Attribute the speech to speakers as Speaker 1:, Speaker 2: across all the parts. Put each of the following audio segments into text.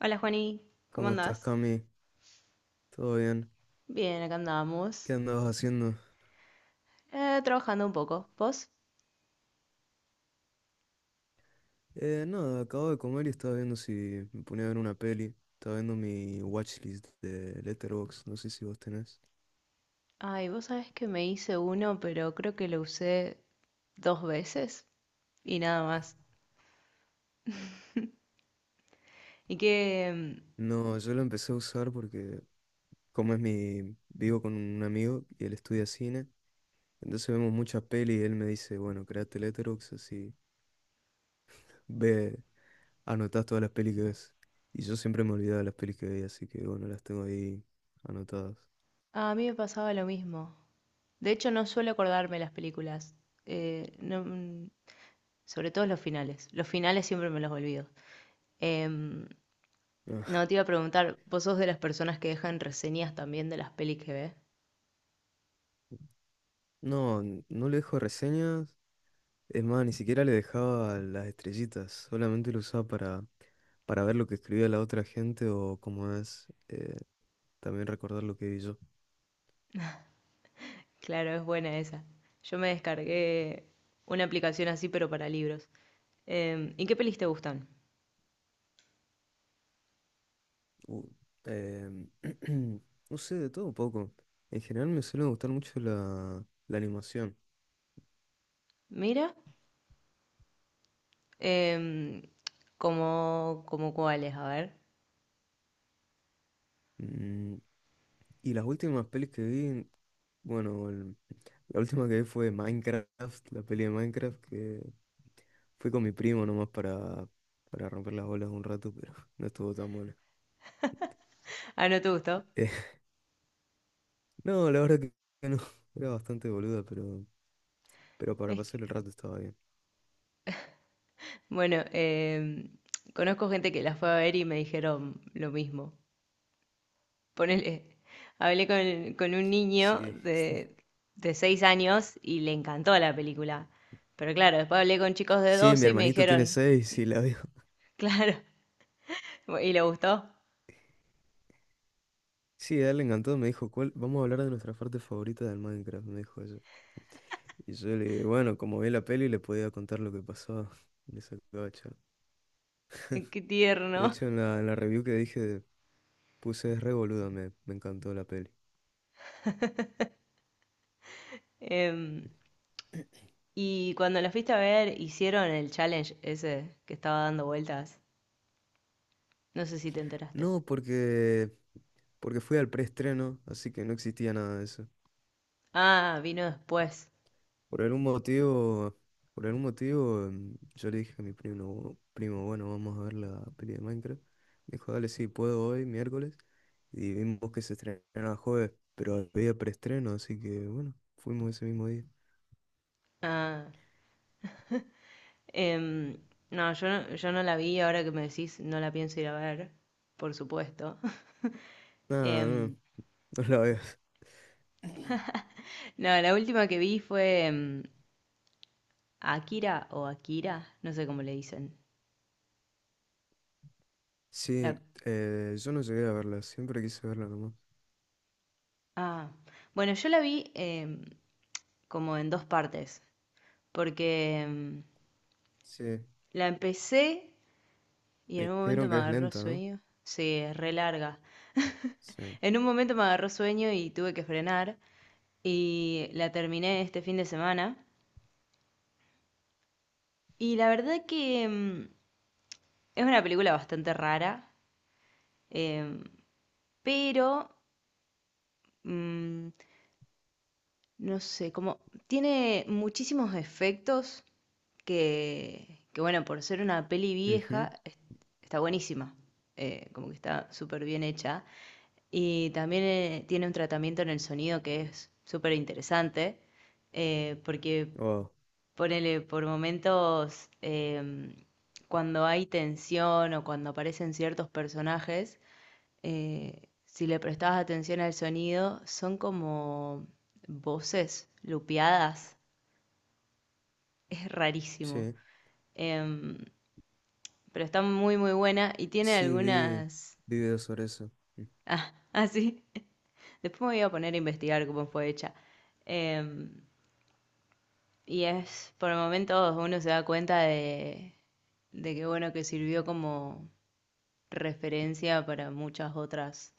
Speaker 1: Hola Juani, ¿cómo
Speaker 2: ¿Cómo estás,
Speaker 1: andás?
Speaker 2: Cami? ¿Todo bien?
Speaker 1: Bien, acá andamos.
Speaker 2: ¿Qué andabas haciendo?
Speaker 1: Trabajando un poco. ¿Vos?
Speaker 2: Nada, acabo de comer y estaba viendo si me ponía a ver una peli. Estaba viendo mi watchlist de Letterboxd, no sé si vos tenés.
Speaker 1: Ay, vos sabés que me hice uno, pero creo que lo usé dos veces y nada más. Y que mm,
Speaker 2: No, yo lo empecé a usar porque como es mi... vivo con un amigo y él estudia cine, entonces vemos muchas peli y él me dice, bueno, créate Letterboxd, así ve, anotás todas las pelis que ves. Y yo siempre me olvidaba de las pelis que veía, así que bueno, las tengo ahí anotadas.
Speaker 1: a mí me pasaba lo mismo. De hecho, no suelo acordarme las películas. No, sobre todo los finales. Los finales siempre me los olvido. Em,
Speaker 2: Ah,
Speaker 1: no te iba a preguntar, ¿vos sos de las personas que dejan reseñas también de las pelis que ves?
Speaker 2: no, no le dejo reseñas. Es más, ni siquiera le dejaba las estrellitas, solamente lo usaba para ver lo que escribía la otra gente o como es, también recordar lo que vi yo.
Speaker 1: Claro, es buena esa. Yo me descargué una aplicación así, pero para libros. ¿Y qué pelis te gustan?
Speaker 2: U- em, no sé, de todo un poco. En general me suele gustar mucho la animación.
Speaker 1: Mira, em, como, como cuáles, a ver.
Speaker 2: Mm, y las últimas pelis que vi, bueno, la última que vi fue Minecraft, la peli de Minecraft, que fue con mi primo nomás para romper las bolas un rato, pero no estuvo tan buena.
Speaker 1: Ah, ¿no te gustó?
Speaker 2: No, la verdad que no. Era bastante boluda, pero para
Speaker 1: Es que-
Speaker 2: pasar el rato estaba bien.
Speaker 1: Bueno, conozco gente que la fue a ver y me dijeron lo mismo. Ponele, hablé con un niño
Speaker 2: Sí,
Speaker 1: de, de 6 años y le encantó la película. Pero claro, después hablé con chicos de
Speaker 2: sí, mi
Speaker 1: 12 y me
Speaker 2: hermanito tiene
Speaker 1: dijeron,
Speaker 2: seis y la vio.
Speaker 1: claro, ¿y le gustó?
Speaker 2: Sí, a él le encantó, me dijo, ¿cuál? Vamos a hablar de nuestra parte favorita del Minecraft, me dijo eso. Y yo le dije, bueno, como vi la peli, le podía contar lo que pasaba en esa gacha.
Speaker 1: Qué
Speaker 2: De
Speaker 1: tierno.
Speaker 2: hecho, en la review que dije, puse es re boluda, me encantó la peli.
Speaker 1: Em, y cuando la fuiste a ver, hicieron el challenge ese que estaba dando vueltas. No sé si te enteraste.
Speaker 2: No, porque fui al preestreno, así que no existía nada de eso.
Speaker 1: Ah, vino después.
Speaker 2: Por algún motivo, por algún motivo, yo le dije a mi primo, primo, bueno, vamos a ver la peli de Minecraft. Me dijo, dale, sí, puedo hoy, miércoles. Y vimos que se estrenaba jueves, pero había preestreno, así que bueno, fuimos ese mismo día.
Speaker 1: Ah, em, no, yo no la vi, ahora que me decís, no la pienso ir a ver, por supuesto.
Speaker 2: Nada, no,
Speaker 1: Em,
Speaker 2: no la veas.
Speaker 1: no, la última que vi fue Akira o Akira, no sé cómo le dicen. La-
Speaker 2: Sí, yo no llegué a verla, siempre quise verla nomás.
Speaker 1: ah, bueno, yo la vi como en dos partes, porque
Speaker 2: Sí,
Speaker 1: la empecé. Y
Speaker 2: me
Speaker 1: en un momento
Speaker 2: dijeron
Speaker 1: me
Speaker 2: que es
Speaker 1: agarró
Speaker 2: lenta, ¿no?
Speaker 1: sueño. Sí, es re larga.
Speaker 2: Sí.
Speaker 1: En un momento me agarró sueño y tuve que frenar. Y la terminé este fin de semana. Y la verdad que es una película bastante rara. em, pero, mm, no sé, como tiene muchísimos efectos bueno, por ser una peli
Speaker 2: Ujú.
Speaker 1: vieja, está buenísima. Como que está súper bien hecha. Y también tiene un tratamiento en el sonido que es súper interesante, porque
Speaker 2: Oh,
Speaker 1: ponele por momentos, cuando hay tensión o cuando aparecen ciertos personajes, si le prestabas atención al sonido, son como voces lupeadas. Es rarísimo.
Speaker 2: sí.
Speaker 1: Em, pero está muy, muy buena y tiene
Speaker 2: Sí,
Speaker 1: algunas...
Speaker 2: vi videos sobre eso. Mm.
Speaker 1: Ah, ah, sí. Después me voy a poner a investigar cómo fue hecha. Em, Y es, por momentos uno se da cuenta de que bueno, que sirvió como referencia para muchas otras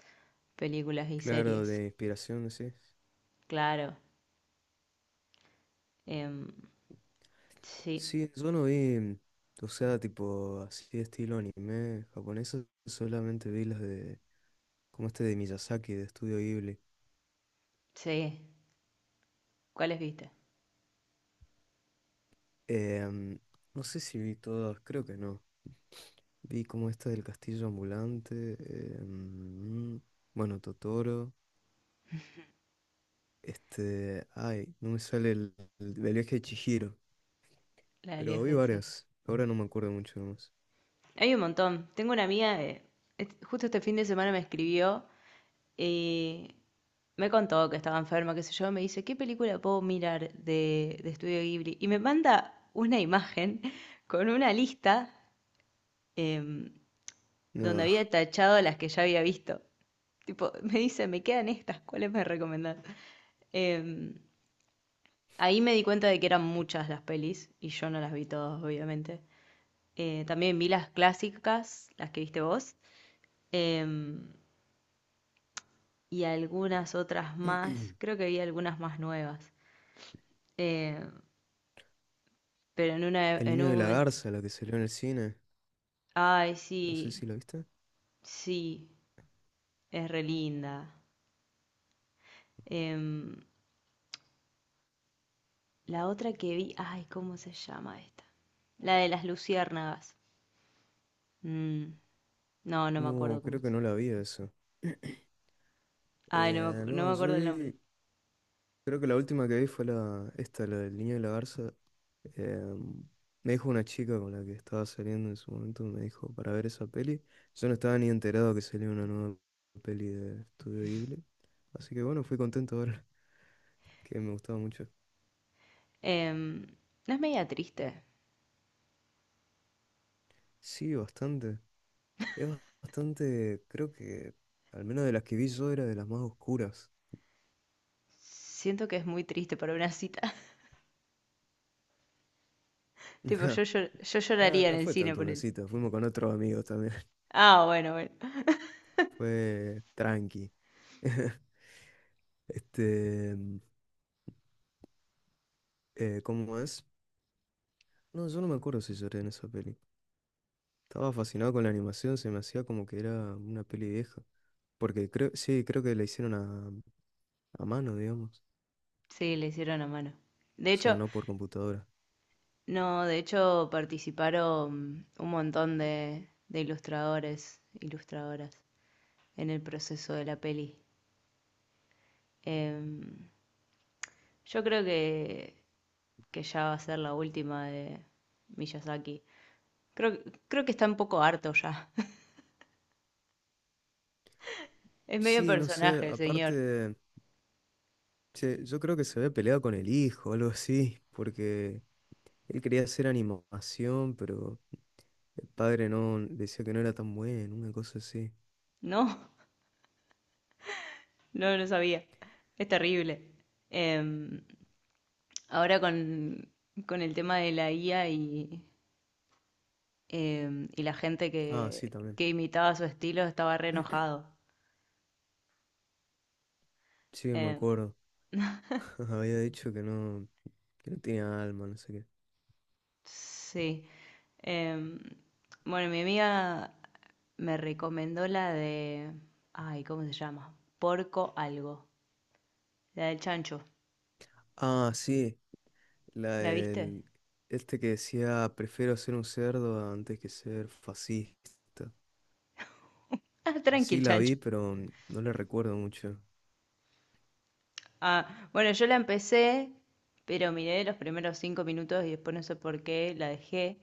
Speaker 1: películas y
Speaker 2: Claro,
Speaker 1: series.
Speaker 2: de inspiración, sí.
Speaker 1: Claro, em, sí,
Speaker 2: Sí, yo no vi, o sea, tipo así de estilo anime japonesa, solamente vi las de, como este de Miyazaki, de Estudio Ghibli.
Speaker 1: sí. ¿Cuáles viste?
Speaker 2: Em, no sé si vi todas, creo que no. Vi como esta del Castillo Ambulante, em, bueno, Totoro, este, ay, no me sale el del viaje de Chihiro,
Speaker 1: La del
Speaker 2: pero vi
Speaker 1: viaje, sí.
Speaker 2: varias, ahora no me acuerdo mucho más.
Speaker 1: Hay un montón. Tengo una amiga, de, justo este fin de semana me escribió y me contó que estaba enferma, qué sé yo. Me dice, ¿qué película puedo mirar de Estudio Ghibli? Y me manda una imagen con una lista em, donde
Speaker 2: No,
Speaker 1: había tachado las que ya había visto. Tipo, me dice, me quedan estas, ¿cuáles me recomendás? Em, Ahí me di cuenta de que eran muchas las pelis y yo no las vi todas, obviamente. También vi las clásicas, las que viste vos, em, y algunas otras más. Creo que vi algunas más nuevas. Eh, pero en una,
Speaker 2: el
Speaker 1: en
Speaker 2: niño
Speaker 1: un
Speaker 2: de la
Speaker 1: momento,
Speaker 2: garza, la que salió en el cine,
Speaker 1: ay,
Speaker 2: no sé
Speaker 1: sí,
Speaker 2: si la viste.
Speaker 1: sí, es re linda. Em, la otra que vi, ay, ¿cómo se llama esta? La de las luciérnagas. Mm, no, no me acuerdo
Speaker 2: No,
Speaker 1: cómo
Speaker 2: creo que no la vi eso.
Speaker 1: ay, no, no me
Speaker 2: No, yo
Speaker 1: acuerdo el nombre.
Speaker 2: vi, creo que la última que vi fue la, esta, la del niño de la garza. Eh, me dijo una chica con la que estaba saliendo en su momento, me dijo para ver esa peli. Yo no estaba ni enterado que salía una nueva peli de Estudio Ghibli. Así que bueno, fui contento de verla, que me gustaba mucho.
Speaker 1: Em, no, es media triste.
Speaker 2: Sí, bastante. Es bastante, creo que al menos de las que vi yo era de las más oscuras.
Speaker 1: Siento que es muy triste para una cita. Tipo, yo, yo
Speaker 2: Nada,
Speaker 1: lloraría en
Speaker 2: no
Speaker 1: el
Speaker 2: fue
Speaker 1: cine
Speaker 2: tanto
Speaker 1: por
Speaker 2: una
Speaker 1: él.
Speaker 2: cita, fuimos con otros amigos.
Speaker 1: Ah, bueno, bueno.
Speaker 2: Fue tranqui. Este, ¿cómo es? No, yo no me acuerdo si lloré en esa peli. Estaba fascinado con la animación, se me hacía como que era una peli vieja. Porque creo, sí, creo que la hicieron a mano, digamos.
Speaker 1: Sí, le hicieron a mano. De
Speaker 2: O sea,
Speaker 1: hecho,
Speaker 2: no por computadora.
Speaker 1: no, de hecho participaron un montón de ilustradores, ilustradoras en el proceso de la peli. Em, yo creo que ya va a ser la última de Miyazaki. Creo, creo que está un poco harto ya. Es medio
Speaker 2: Sí, no sé,
Speaker 1: personaje el señor.
Speaker 2: aparte, che, yo creo que se había peleado con el hijo, algo así, porque él quería hacer animación, pero el padre no decía que no era tan bueno, una cosa así.
Speaker 1: No, no, lo sabía. Es terrible. Em, Ahora con el tema de la IA y la gente
Speaker 2: Ah, sí, también.
Speaker 1: que imitaba su estilo estaba re enojado.
Speaker 2: Sí, me
Speaker 1: Em,
Speaker 2: acuerdo. Ajá, había dicho que que no tenía alma, no sé qué.
Speaker 1: sí. Em, bueno, mi amiga me recomendó la de... Ay, ¿cómo se llama? Porco algo. La del chancho.
Speaker 2: Ah, sí, la
Speaker 1: ¿La viste?
Speaker 2: del, este que decía, prefiero ser un cerdo antes que ser fascista.
Speaker 1: Ah, tranqui
Speaker 2: Sí,
Speaker 1: el
Speaker 2: la
Speaker 1: chancho.
Speaker 2: vi, pero no la recuerdo mucho.
Speaker 1: Ah, bueno, yo la empecé, pero miré los primeros 5 minutos y después no sé por qué la dejé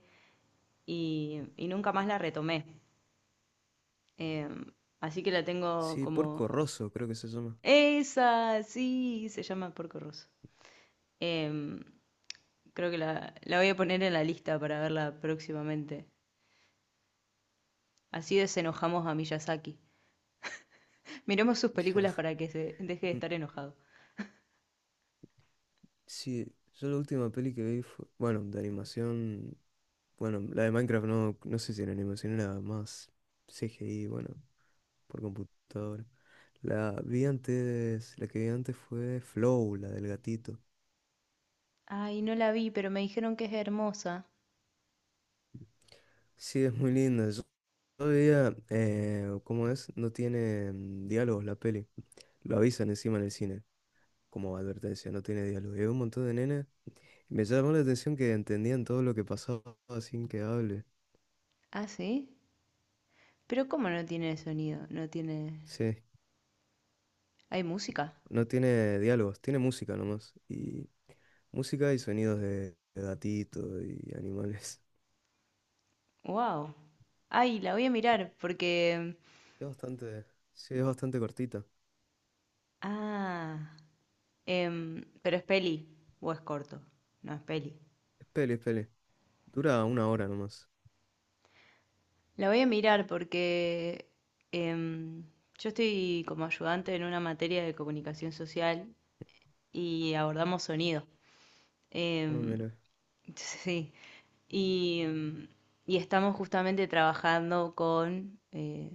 Speaker 1: y nunca más la retomé. Eh, Así que la tengo
Speaker 2: Sí,
Speaker 1: como...
Speaker 2: Porco Rosso, creo que se llama.
Speaker 1: Esa, sí, se llama Porco Rosso. Em, Creo que la voy a poner en la lista para verla próximamente. Así desenojamos a Miyazaki. Miremos sus películas para que se deje de
Speaker 2: Mm,
Speaker 1: estar enojado.
Speaker 2: sí, yo la última peli que vi fue, bueno, de animación, bueno, la de Minecraft no, no sé si era animación, era más CGI, bueno, por computadora. La vi antes, la que vi antes fue Flow, la del gatito.
Speaker 1: Ay, no la vi, pero me dijeron que es hermosa.
Speaker 2: Sí, es muy linda. Yo todavía, ¿cómo es? No tiene diálogos la peli. Lo avisan encima en el cine, como advertencia, no tiene diálogo. Y hay un montón de nenas. Y me llamó la atención que entendían todo lo que pasaba sin que hable.
Speaker 1: ¿Ah, sí? Pero ¿cómo no tiene sonido? No tiene...
Speaker 2: Sí,
Speaker 1: Hay música.
Speaker 2: no tiene diálogos, tiene música nomás. Y música y sonidos de gatitos y animales.
Speaker 1: Wow. Ay, la voy a mirar porque.
Speaker 2: Es es bastante cortita.
Speaker 1: Ah. Pero es peli o es corto. No es peli.
Speaker 2: Es peli, es peli. Dura 1 hora nomás.
Speaker 1: La voy a mirar porque em, yo estoy como ayudante en una materia de comunicación social y abordamos sonido.
Speaker 2: Ah,
Speaker 1: Em,
Speaker 2: mira.
Speaker 1: sí. Y y estamos justamente trabajando con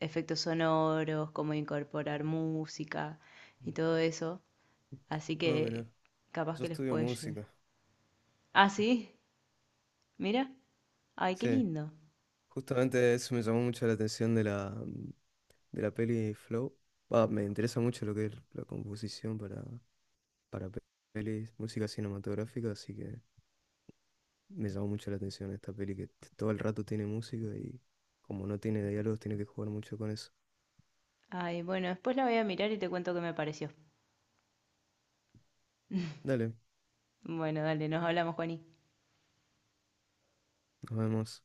Speaker 1: efectos sonoros, cómo incorporar música y todo eso. Así
Speaker 2: Ah,
Speaker 1: que
Speaker 2: mira.
Speaker 1: capaz
Speaker 2: Yo
Speaker 1: que les
Speaker 2: estudio
Speaker 1: puede llegar.
Speaker 2: música.
Speaker 1: Ah, sí, mira. Ay, qué
Speaker 2: Sí.
Speaker 1: lindo.
Speaker 2: Justamente eso me llamó mucho la atención de de la peli Flow. Va, me interesa mucho lo que es la composición para pelis, música cinematográfica, así que me llamó mucho la atención esta peli que todo el rato tiene música y como no tiene diálogos tiene que jugar mucho con eso.
Speaker 1: Ay, bueno, después la voy a mirar y te cuento qué me pareció.
Speaker 2: Dale,
Speaker 1: Bueno, dale, nos hablamos, Juani.
Speaker 2: nos vemos.